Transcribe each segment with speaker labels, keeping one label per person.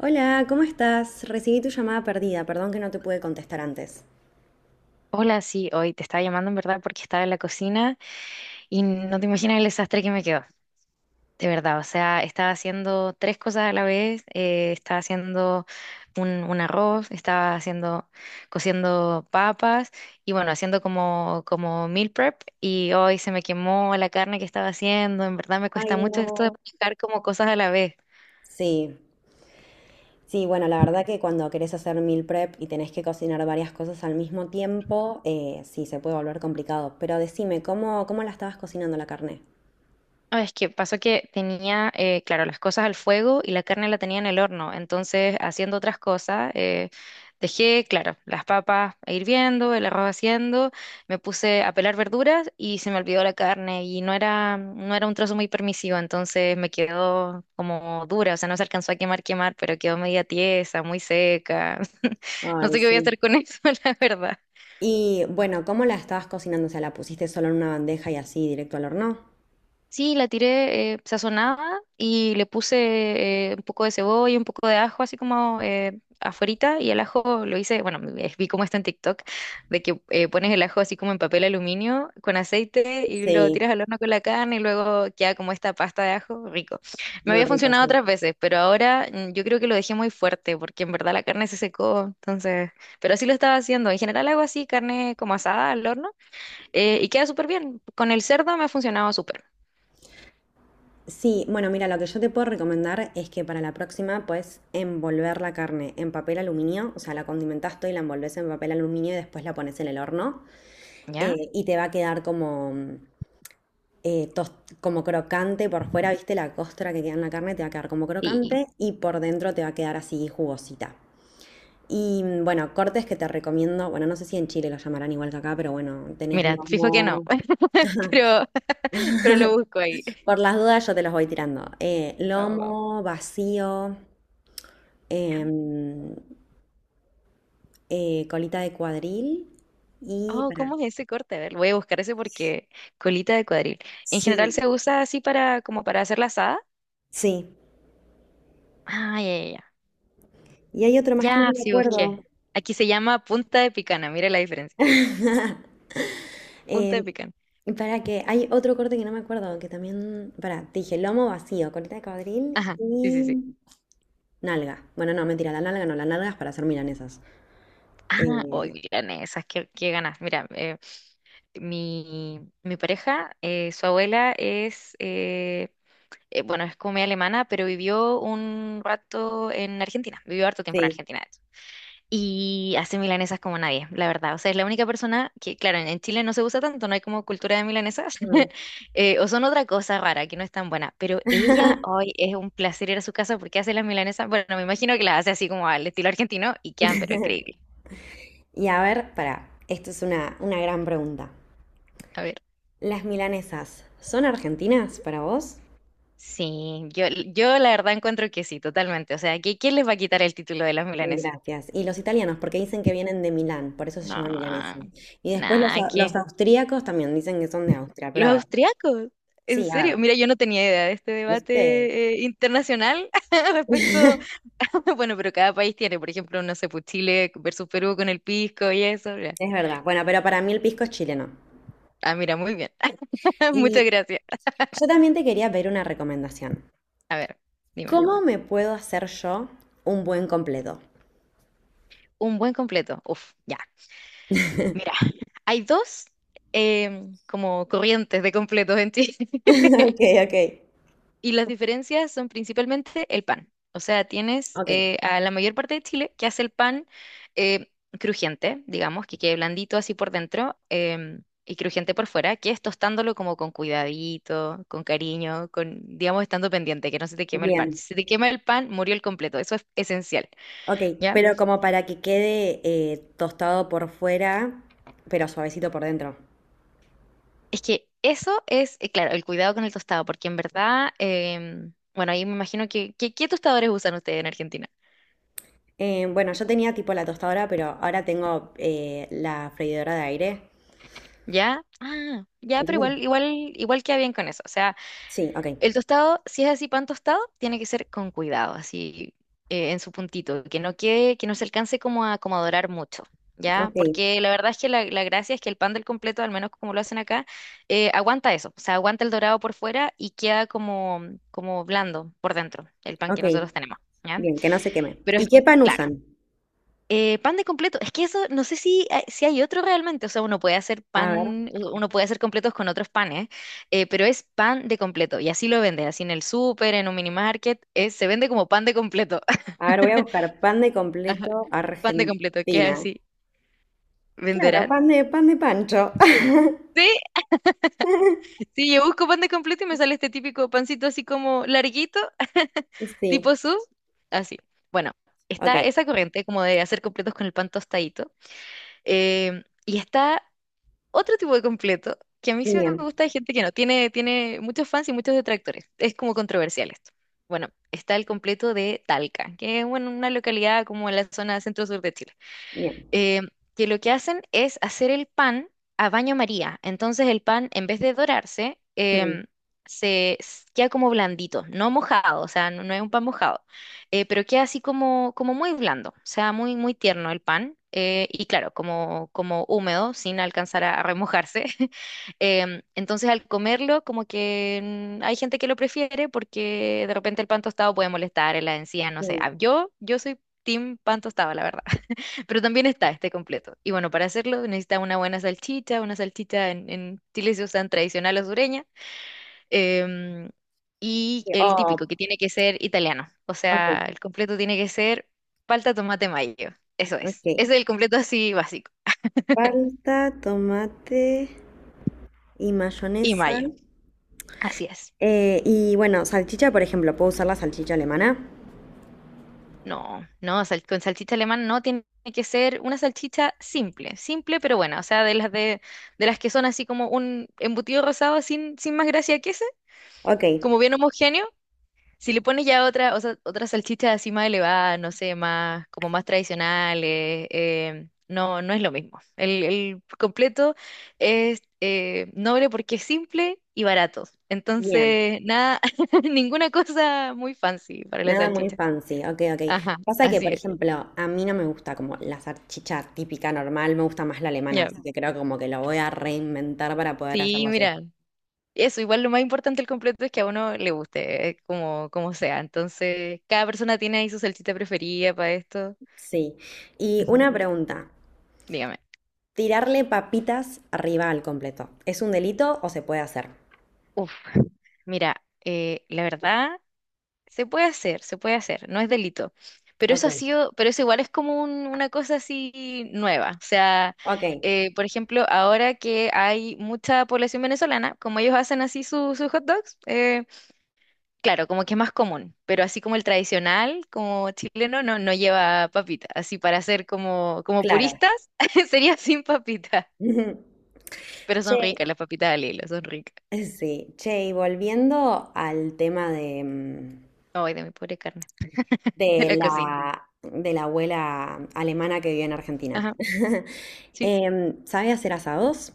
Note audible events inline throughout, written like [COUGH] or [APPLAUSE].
Speaker 1: Hola, ¿cómo estás? Recibí tu llamada perdida, perdón que no te pude contestar antes.
Speaker 2: Hola, sí, hoy te estaba llamando en verdad porque estaba en la cocina y no te imaginas el desastre que me quedó, de verdad. O sea, estaba haciendo tres cosas a la vez, estaba haciendo un arroz, estaba haciendo, cociendo papas y bueno, haciendo como, como meal prep y hoy se me quemó la carne que estaba haciendo. En verdad me
Speaker 1: Ay,
Speaker 2: cuesta mucho esto de
Speaker 1: no.
Speaker 2: manejar como cosas a la vez.
Speaker 1: Sí, sí, bueno, la verdad que cuando querés hacer meal prep y tenés que cocinar varias cosas al mismo tiempo, sí, se puede volver complicado. Pero decime, ¿cómo la estabas cocinando la carne?
Speaker 2: Ah, es que pasó que tenía, claro, las cosas al fuego y la carne la tenía en el horno. Entonces, haciendo otras cosas, dejé, claro, las papas hirviendo, el arroz haciendo, me puse a pelar verduras y se me olvidó la carne y no era un trozo muy permisivo, entonces me quedó como dura, o sea, no se alcanzó a quemar, pero quedó media tiesa, muy seca. [LAUGHS] No
Speaker 1: Ay,
Speaker 2: sé qué voy a
Speaker 1: sí.
Speaker 2: hacer con eso, [LAUGHS] la verdad.
Speaker 1: Y bueno, ¿cómo la estabas cocinando? O sea, ¿la pusiste solo en una bandeja y así directo al horno?
Speaker 2: Sí, la tiré sazonada y le puse un poco de cebolla, un poco de ajo, así como afuerita. Y el ajo lo hice, bueno, vi cómo está en TikTok, de que pones el ajo así como en papel aluminio con aceite y lo
Speaker 1: Sí,
Speaker 2: tiras al horno con la carne y luego queda como esta pasta de ajo, rico. Me
Speaker 1: muy
Speaker 2: había
Speaker 1: rico,
Speaker 2: funcionado
Speaker 1: sí.
Speaker 2: otras veces, pero ahora yo creo que lo dejé muy fuerte porque en verdad la carne se secó, entonces, pero así lo estaba haciendo. En general hago así, carne como asada al horno y queda súper bien. Con el cerdo me ha funcionado súper.
Speaker 1: Sí, bueno, mira, lo que yo te puedo recomendar es que para la próxima puedes envolver la carne en papel aluminio, o sea, la condimentás todo y la envolves en papel aluminio y después la pones en el horno
Speaker 2: ¿Ya?
Speaker 1: y te va a quedar como, eh, tos- como crocante por fuera, ¿viste? La costra que queda en la carne te va a quedar como
Speaker 2: Sí,
Speaker 1: crocante y por dentro te va a quedar así jugosita. Y bueno, cortes que te recomiendo, bueno, no sé si en Chile lo llamarán igual que acá, pero bueno, tenés
Speaker 2: mira, fijo que no,
Speaker 1: lomo.
Speaker 2: [LAUGHS] pero, [LAUGHS] pero lo busco ahí.
Speaker 1: Por las dudas yo te los voy tirando.
Speaker 2: Vamos, vamos.
Speaker 1: Lomo, vacío,
Speaker 2: Ya.
Speaker 1: em, colita de cuadril y
Speaker 2: Oh,
Speaker 1: para...
Speaker 2: ¿cómo es ese corte? A ver, voy a buscar ese porque colita de cuadril. En
Speaker 1: Sí,
Speaker 2: general se usa así para, como para hacer la asada.
Speaker 1: sí.
Speaker 2: Ah, ya, ya, ya.
Speaker 1: Y hay otro más que no
Speaker 2: Ya,
Speaker 1: me
Speaker 2: sí busqué.
Speaker 1: acuerdo.
Speaker 2: Aquí se llama punta de picana, mira la diferencia.
Speaker 1: [LAUGHS]
Speaker 2: Punta de
Speaker 1: Em,
Speaker 2: picana.
Speaker 1: para que hay otro corte que no me acuerdo, que también... Para, te dije lomo vacío, colita de cuadril
Speaker 2: Ajá, sí, sí, sí.
Speaker 1: y nalga. Bueno, no, mentira, la nalga no, la nalga es para hacer milanesas.
Speaker 2: Ah, hoy,
Speaker 1: Eh,
Speaker 2: miren esas, qué, qué ganas. Mira, mi pareja, su abuela es bueno, es como media alemana, pero vivió un rato en Argentina, vivió harto tiempo en
Speaker 1: sí.
Speaker 2: Argentina, de hecho. Y hace milanesas como nadie, la verdad. O sea, es la única persona que, claro, en Chile no se usa tanto, no hay como cultura de milanesas,
Speaker 1: Mm.
Speaker 2: [LAUGHS] o son otra cosa rara que no es tan buena. Pero ella, hoy es un placer ir a su casa porque hace las milanesas. Bueno, me imagino que las hace así como al estilo argentino y quedan, pero increíble.
Speaker 1: Y a ver, para, esto es una gran pregunta.
Speaker 2: A ver.
Speaker 1: ¿Las milanesas son argentinas para vos?
Speaker 2: Sí, yo la verdad encuentro que sí, totalmente. O sea, ¿quién les va a quitar el título de las milanesas?
Speaker 1: Gracias. Y los italianos, porque dicen que vienen de Milán, por eso se
Speaker 2: No,
Speaker 1: llama milanesa. Y después los,
Speaker 2: nada,
Speaker 1: los austríacos también dicen que son de Austria, pero
Speaker 2: los
Speaker 1: a ver,
Speaker 2: austriacos, en
Speaker 1: sí, a
Speaker 2: serio.
Speaker 1: ver,
Speaker 2: Mira, yo no tenía idea de este
Speaker 1: ¿viste?
Speaker 2: debate internacional [LAUGHS] respecto, [LAUGHS] bueno, pero cada país tiene, por ejemplo, no sé, pues Chile versus Perú con el pisco y eso. Ya.
Speaker 1: Es verdad. Bueno, pero para mí el pisco es chileno.
Speaker 2: Ah, mira, muy bien. [LAUGHS] Muchas
Speaker 1: Y
Speaker 2: gracias.
Speaker 1: yo también te quería pedir una recomendación.
Speaker 2: A ver, dime.
Speaker 1: ¿Cómo me puedo hacer yo un buen completo? [LAUGHS]
Speaker 2: Un buen completo. Uf, ya. Mira, hay dos como corrientes de completos en Chile.
Speaker 1: Ok, ok.
Speaker 2: Y las diferencias son principalmente el pan. O sea, tienes
Speaker 1: Ok,
Speaker 2: a la mayor parte de Chile que hace el pan eh, crujiente, digamos, que quede blandito así por dentro y crujiente por fuera, que es tostándolo como con cuidadito, con cariño, con, digamos, estando pendiente, que no se te queme el pan.
Speaker 1: bien.
Speaker 2: Si se te quema el pan, murió el completo. Eso es esencial,
Speaker 1: Ok,
Speaker 2: ¿ya?
Speaker 1: pero como para que quede tostado por fuera, pero suavecito por dentro.
Speaker 2: Es que eso es, claro, el cuidado con el tostado, porque en verdad, bueno, ahí me imagino ¿qué tostadores usan ustedes en Argentina?
Speaker 1: Bueno, yo tenía tipo la tostadora, pero ahora tengo la freidora de aire.
Speaker 2: ¿Ya? Ah, ya, pero
Speaker 1: Entonces,
Speaker 2: igual, igual, igual queda bien con eso. O sea,
Speaker 1: sí, ok,
Speaker 2: el tostado, si es así pan tostado, tiene que ser con cuidado, así en su puntito, que no quede, que no se alcance como a, como a dorar mucho, ¿ya?
Speaker 1: ok,
Speaker 2: Porque la verdad es que la gracia es que el pan del completo, al menos como lo hacen acá, aguanta eso, o sea, aguanta el dorado por fuera y queda como, como blando por dentro, el pan que
Speaker 1: ok.
Speaker 2: nosotros tenemos, ¿ya?
Speaker 1: Bien, que no se queme.
Speaker 2: Pero es,
Speaker 1: ¿Y qué pan
Speaker 2: claro.
Speaker 1: usan?
Speaker 2: Pan de completo. Es que eso, no sé si hay otro realmente. O sea, uno puede hacer
Speaker 1: A ver,
Speaker 2: pan, uno puede hacer completos con otros panes, pero es pan de completo. Y así lo venden, así en el súper, en un mini market, se vende como pan de completo. [LAUGHS]
Speaker 1: a ver, voy a buscar pan de
Speaker 2: Ajá.
Speaker 1: completo
Speaker 2: Pan de completo, ¿qué
Speaker 1: Argentina.
Speaker 2: así?
Speaker 1: Claro,
Speaker 2: ¿Venderán?
Speaker 1: pan de Pancho.
Speaker 2: Sí,
Speaker 1: [LAUGHS]
Speaker 2: sí, yo busco pan de completo y me sale este típico pancito así como larguito, [LAUGHS] tipo
Speaker 1: Sí,
Speaker 2: sus, así. Bueno,
Speaker 1: ok,
Speaker 2: está esa corriente como de hacer completos con el pan tostadito, y está. Otro tipo de completo que a mí sí me
Speaker 1: bien,
Speaker 2: gusta de gente que no, tiene, tiene muchos fans y muchos detractores. Es como controversial esto. Bueno, está el completo de Talca, que es bueno, una localidad como en la zona centro-sur de Chile
Speaker 1: bien.
Speaker 2: eh, que lo que hacen es hacer el pan a baño María. Entonces el pan, en vez de dorarse,
Speaker 1: Mm,
Speaker 2: queda como blandito, no mojado, o sea, no, no es un pan mojado, pero queda así como, como muy blando, o sea, muy, muy tierno el pan, y claro, como, como húmedo, sin alcanzar a remojarse. [LAUGHS] Em, entonces, al comerlo, como que hay gente que lo prefiere porque de repente el pan tostado puede molestar en la encía, no sé.
Speaker 1: mm.
Speaker 2: Ah, yo soy team pan tostado, la verdad. [LAUGHS] Pero también está este completo. Y bueno, para hacerlo necesita una buena salchicha, una salchicha en Chile se usan tradicional o sureña, em, y el
Speaker 1: Oh,
Speaker 2: típico, que tiene que ser italiano. O
Speaker 1: ok,
Speaker 2: sea, el completo tiene que ser palta, tomate, mayo. Eso
Speaker 1: ok.
Speaker 2: es. Ese es el completo así básico.
Speaker 1: Palta, tomate y
Speaker 2: Y
Speaker 1: mayonesa.
Speaker 2: mayo. Así es.
Speaker 1: Y bueno, salchicha, por ejemplo, ¿puedo usar la salchicha alemana?
Speaker 2: No, no, con salchicha alemana no tiene que ser una salchicha simple, simple pero buena. O sea, de las que son así como un embutido rosado sin, sin más gracia que ese,
Speaker 1: Ok,
Speaker 2: como bien homogéneo. Si le pones ya otra, o sea, otra salchicha así más elevada, no sé, más, como más tradicionales, no, no es lo mismo. El completo es noble porque es simple y barato.
Speaker 1: bien,
Speaker 2: Entonces, nada, [LAUGHS] ninguna cosa muy fancy para la
Speaker 1: nada muy
Speaker 2: salchicha.
Speaker 1: fancy, ok, ok.
Speaker 2: Ajá,
Speaker 1: Pasa que,
Speaker 2: así
Speaker 1: por
Speaker 2: es.
Speaker 1: ejemplo, a mí no me gusta como la salchicha típica normal, me gusta más la alemana,
Speaker 2: Ya.
Speaker 1: así que creo que como que lo voy a reinventar para poder
Speaker 2: Sí,
Speaker 1: hacerlo así.
Speaker 2: mira. Eso, igual lo más importante del completo es que a uno le guste, como, como sea. Entonces, cada persona tiene ahí su salchicha preferida para esto.
Speaker 1: Sí, y
Speaker 2: Ujú,
Speaker 1: una pregunta,
Speaker 2: dígame.
Speaker 1: ¿tirarle papitas arriba al completo? ¿Es un delito o se puede hacer?
Speaker 2: Mira, la verdad, se puede hacer, no es delito. Pero eso ha
Speaker 1: Ok,
Speaker 2: sido, pero eso igual es como una cosa así nueva. O sea,
Speaker 1: ok,
Speaker 2: por ejemplo, ahora que hay mucha población venezolana, como ellos hacen así sus hot dogs, claro, como que es más común. Pero así como el tradicional, como chileno, no, no lleva papita. Así para ser como, como
Speaker 1: claro.
Speaker 2: puristas, [LAUGHS] sería sin papita.
Speaker 1: [LAUGHS]
Speaker 2: Pero son ricas
Speaker 1: Che,
Speaker 2: las papitas al hilo, son ricas.
Speaker 1: sí, che, y volviendo al tema de...
Speaker 2: Ay, de mi pobre carne, de la cocina.
Speaker 1: de la abuela alemana que vive en Argentina.
Speaker 2: Ajá.
Speaker 1: [LAUGHS]
Speaker 2: Sí.
Speaker 1: ¿Sabe hacer asados?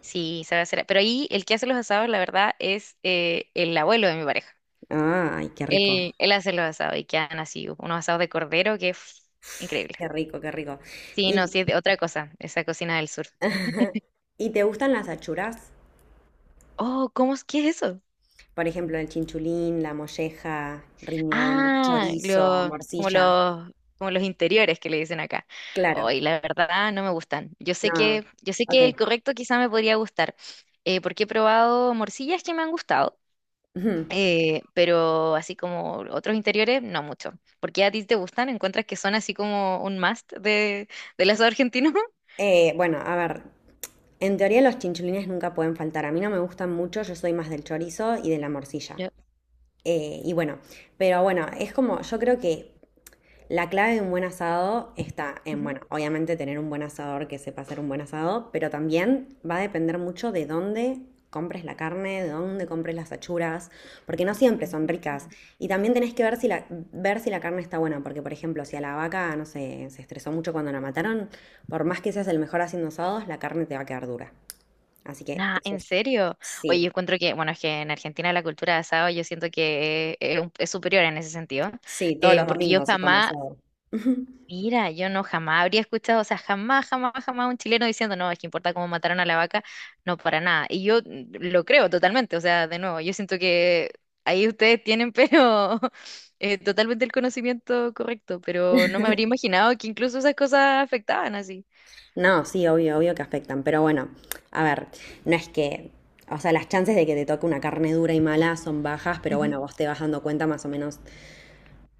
Speaker 2: Sí, sabe hacer. Pero ahí el que hace los asados, la verdad, es el abuelo de mi pareja.
Speaker 1: Ay, qué rico,
Speaker 2: Él hace los asados y quedan así, unos asados de cordero que es increíble.
Speaker 1: qué rico, qué rico.
Speaker 2: Sí, no,
Speaker 1: ¿Y,
Speaker 2: sí, es de otra cosa, esa cocina del sur.
Speaker 1: [LAUGHS] ¿y te gustan las achuras?
Speaker 2: Oh, ¿cómo es que es eso?
Speaker 1: Por ejemplo, el chinchulín, la molleja, riñón,
Speaker 2: Ah,
Speaker 1: chorizo,
Speaker 2: como
Speaker 1: morcilla.
Speaker 2: como los interiores que le dicen acá.
Speaker 1: Claro,
Speaker 2: Oh, la verdad no me gustan.
Speaker 1: no,
Speaker 2: Yo sé que el
Speaker 1: ok.
Speaker 2: correcto quizá me podría gustar, porque he probado morcillas que me han gustado.
Speaker 1: Ujú.
Speaker 2: Pero así como otros interiores, no mucho. ¿Porque a ti te gustan? ¿Encuentras que son así como un must de, del asado argentino? [LAUGHS]
Speaker 1: Bueno, a ver, en teoría los chinchulines nunca pueden faltar. A mí no me gustan mucho, yo soy más del chorizo y de la morcilla.
Speaker 2: Yo-
Speaker 1: Y bueno, pero bueno, es como, yo creo que la clave de un buen asado está en,
Speaker 2: ujú.
Speaker 1: bueno, obviamente tener un buen asador que sepa hacer un buen asado, pero también va a depender mucho de dónde compres la carne, de dónde compres las achuras, porque no siempre son ricas.
Speaker 2: Mm.
Speaker 1: Y también tenés que ver si la carne está buena, porque por ejemplo, si a la vaca, no sé, se estresó mucho cuando la mataron, por más que seas el mejor haciendo asados, la carne te va a quedar dura. Así que
Speaker 2: Nah,
Speaker 1: eso
Speaker 2: ¿en
Speaker 1: es,
Speaker 2: serio? Oye, yo
Speaker 1: sí,
Speaker 2: encuentro que, bueno, es que en Argentina la cultura de asado yo siento que es, es superior en ese sentido,
Speaker 1: sí, todos los
Speaker 2: porque yo
Speaker 1: domingos se come
Speaker 2: jamás.
Speaker 1: asado. [LAUGHS]
Speaker 2: Mira, yo no jamás habría escuchado, o sea, jamás, jamás, jamás un chileno diciendo, no, es que importa cómo mataron a la vaca, no para nada. Y yo lo creo totalmente, o sea, de nuevo, yo siento que ahí ustedes tienen, pero [LAUGHS] totalmente el conocimiento correcto, pero no me habría imaginado que incluso esas cosas afectaban así.
Speaker 1: No, sí, obvio, obvio que afectan, pero bueno, a ver, no es que, o sea, las chances de que te toque una carne dura y mala son bajas, pero
Speaker 2: Ujú.
Speaker 1: bueno, vos te vas dando cuenta más o menos,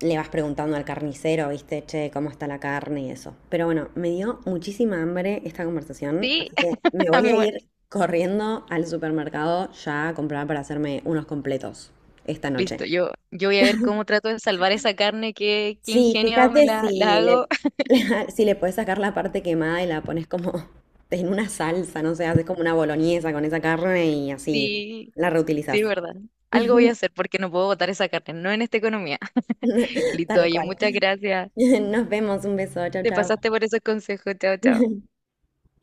Speaker 1: le vas preguntando al carnicero, viste, che, cómo está la carne y eso. Pero bueno, me dio muchísima hambre esta conversación,
Speaker 2: Sí,
Speaker 1: así que me
Speaker 2: [LAUGHS] a
Speaker 1: voy
Speaker 2: mí
Speaker 1: a
Speaker 2: bueno,
Speaker 1: ir corriendo al supermercado ya a comprar para hacerme unos completos esta noche.
Speaker 2: listo, yo voy a ver cómo trato de salvar esa carne, qué, qué
Speaker 1: Sí,
Speaker 2: ingenio me
Speaker 1: fíjate
Speaker 2: la, la
Speaker 1: si
Speaker 2: hago.
Speaker 1: le,
Speaker 2: [LAUGHS]
Speaker 1: [LAUGHS] si le puedes sacar la parte quemada y la pones como [LAUGHS] en una salsa, no sé, haces como una boloñesa con esa carne y así
Speaker 2: Sí,
Speaker 1: la reutilizas.
Speaker 2: sí, verdad. Algo voy a
Speaker 1: [LAUGHS]
Speaker 2: hacer porque no puedo botar esa carne, no en esta economía. Listo,
Speaker 1: Tal
Speaker 2: oye,
Speaker 1: cual.
Speaker 2: muchas gracias.
Speaker 1: [LAUGHS] Nos vemos, un beso, chao,
Speaker 2: Te
Speaker 1: chao.
Speaker 2: pasaste por esos consejos. Chao, chao.
Speaker 1: [LAUGHS]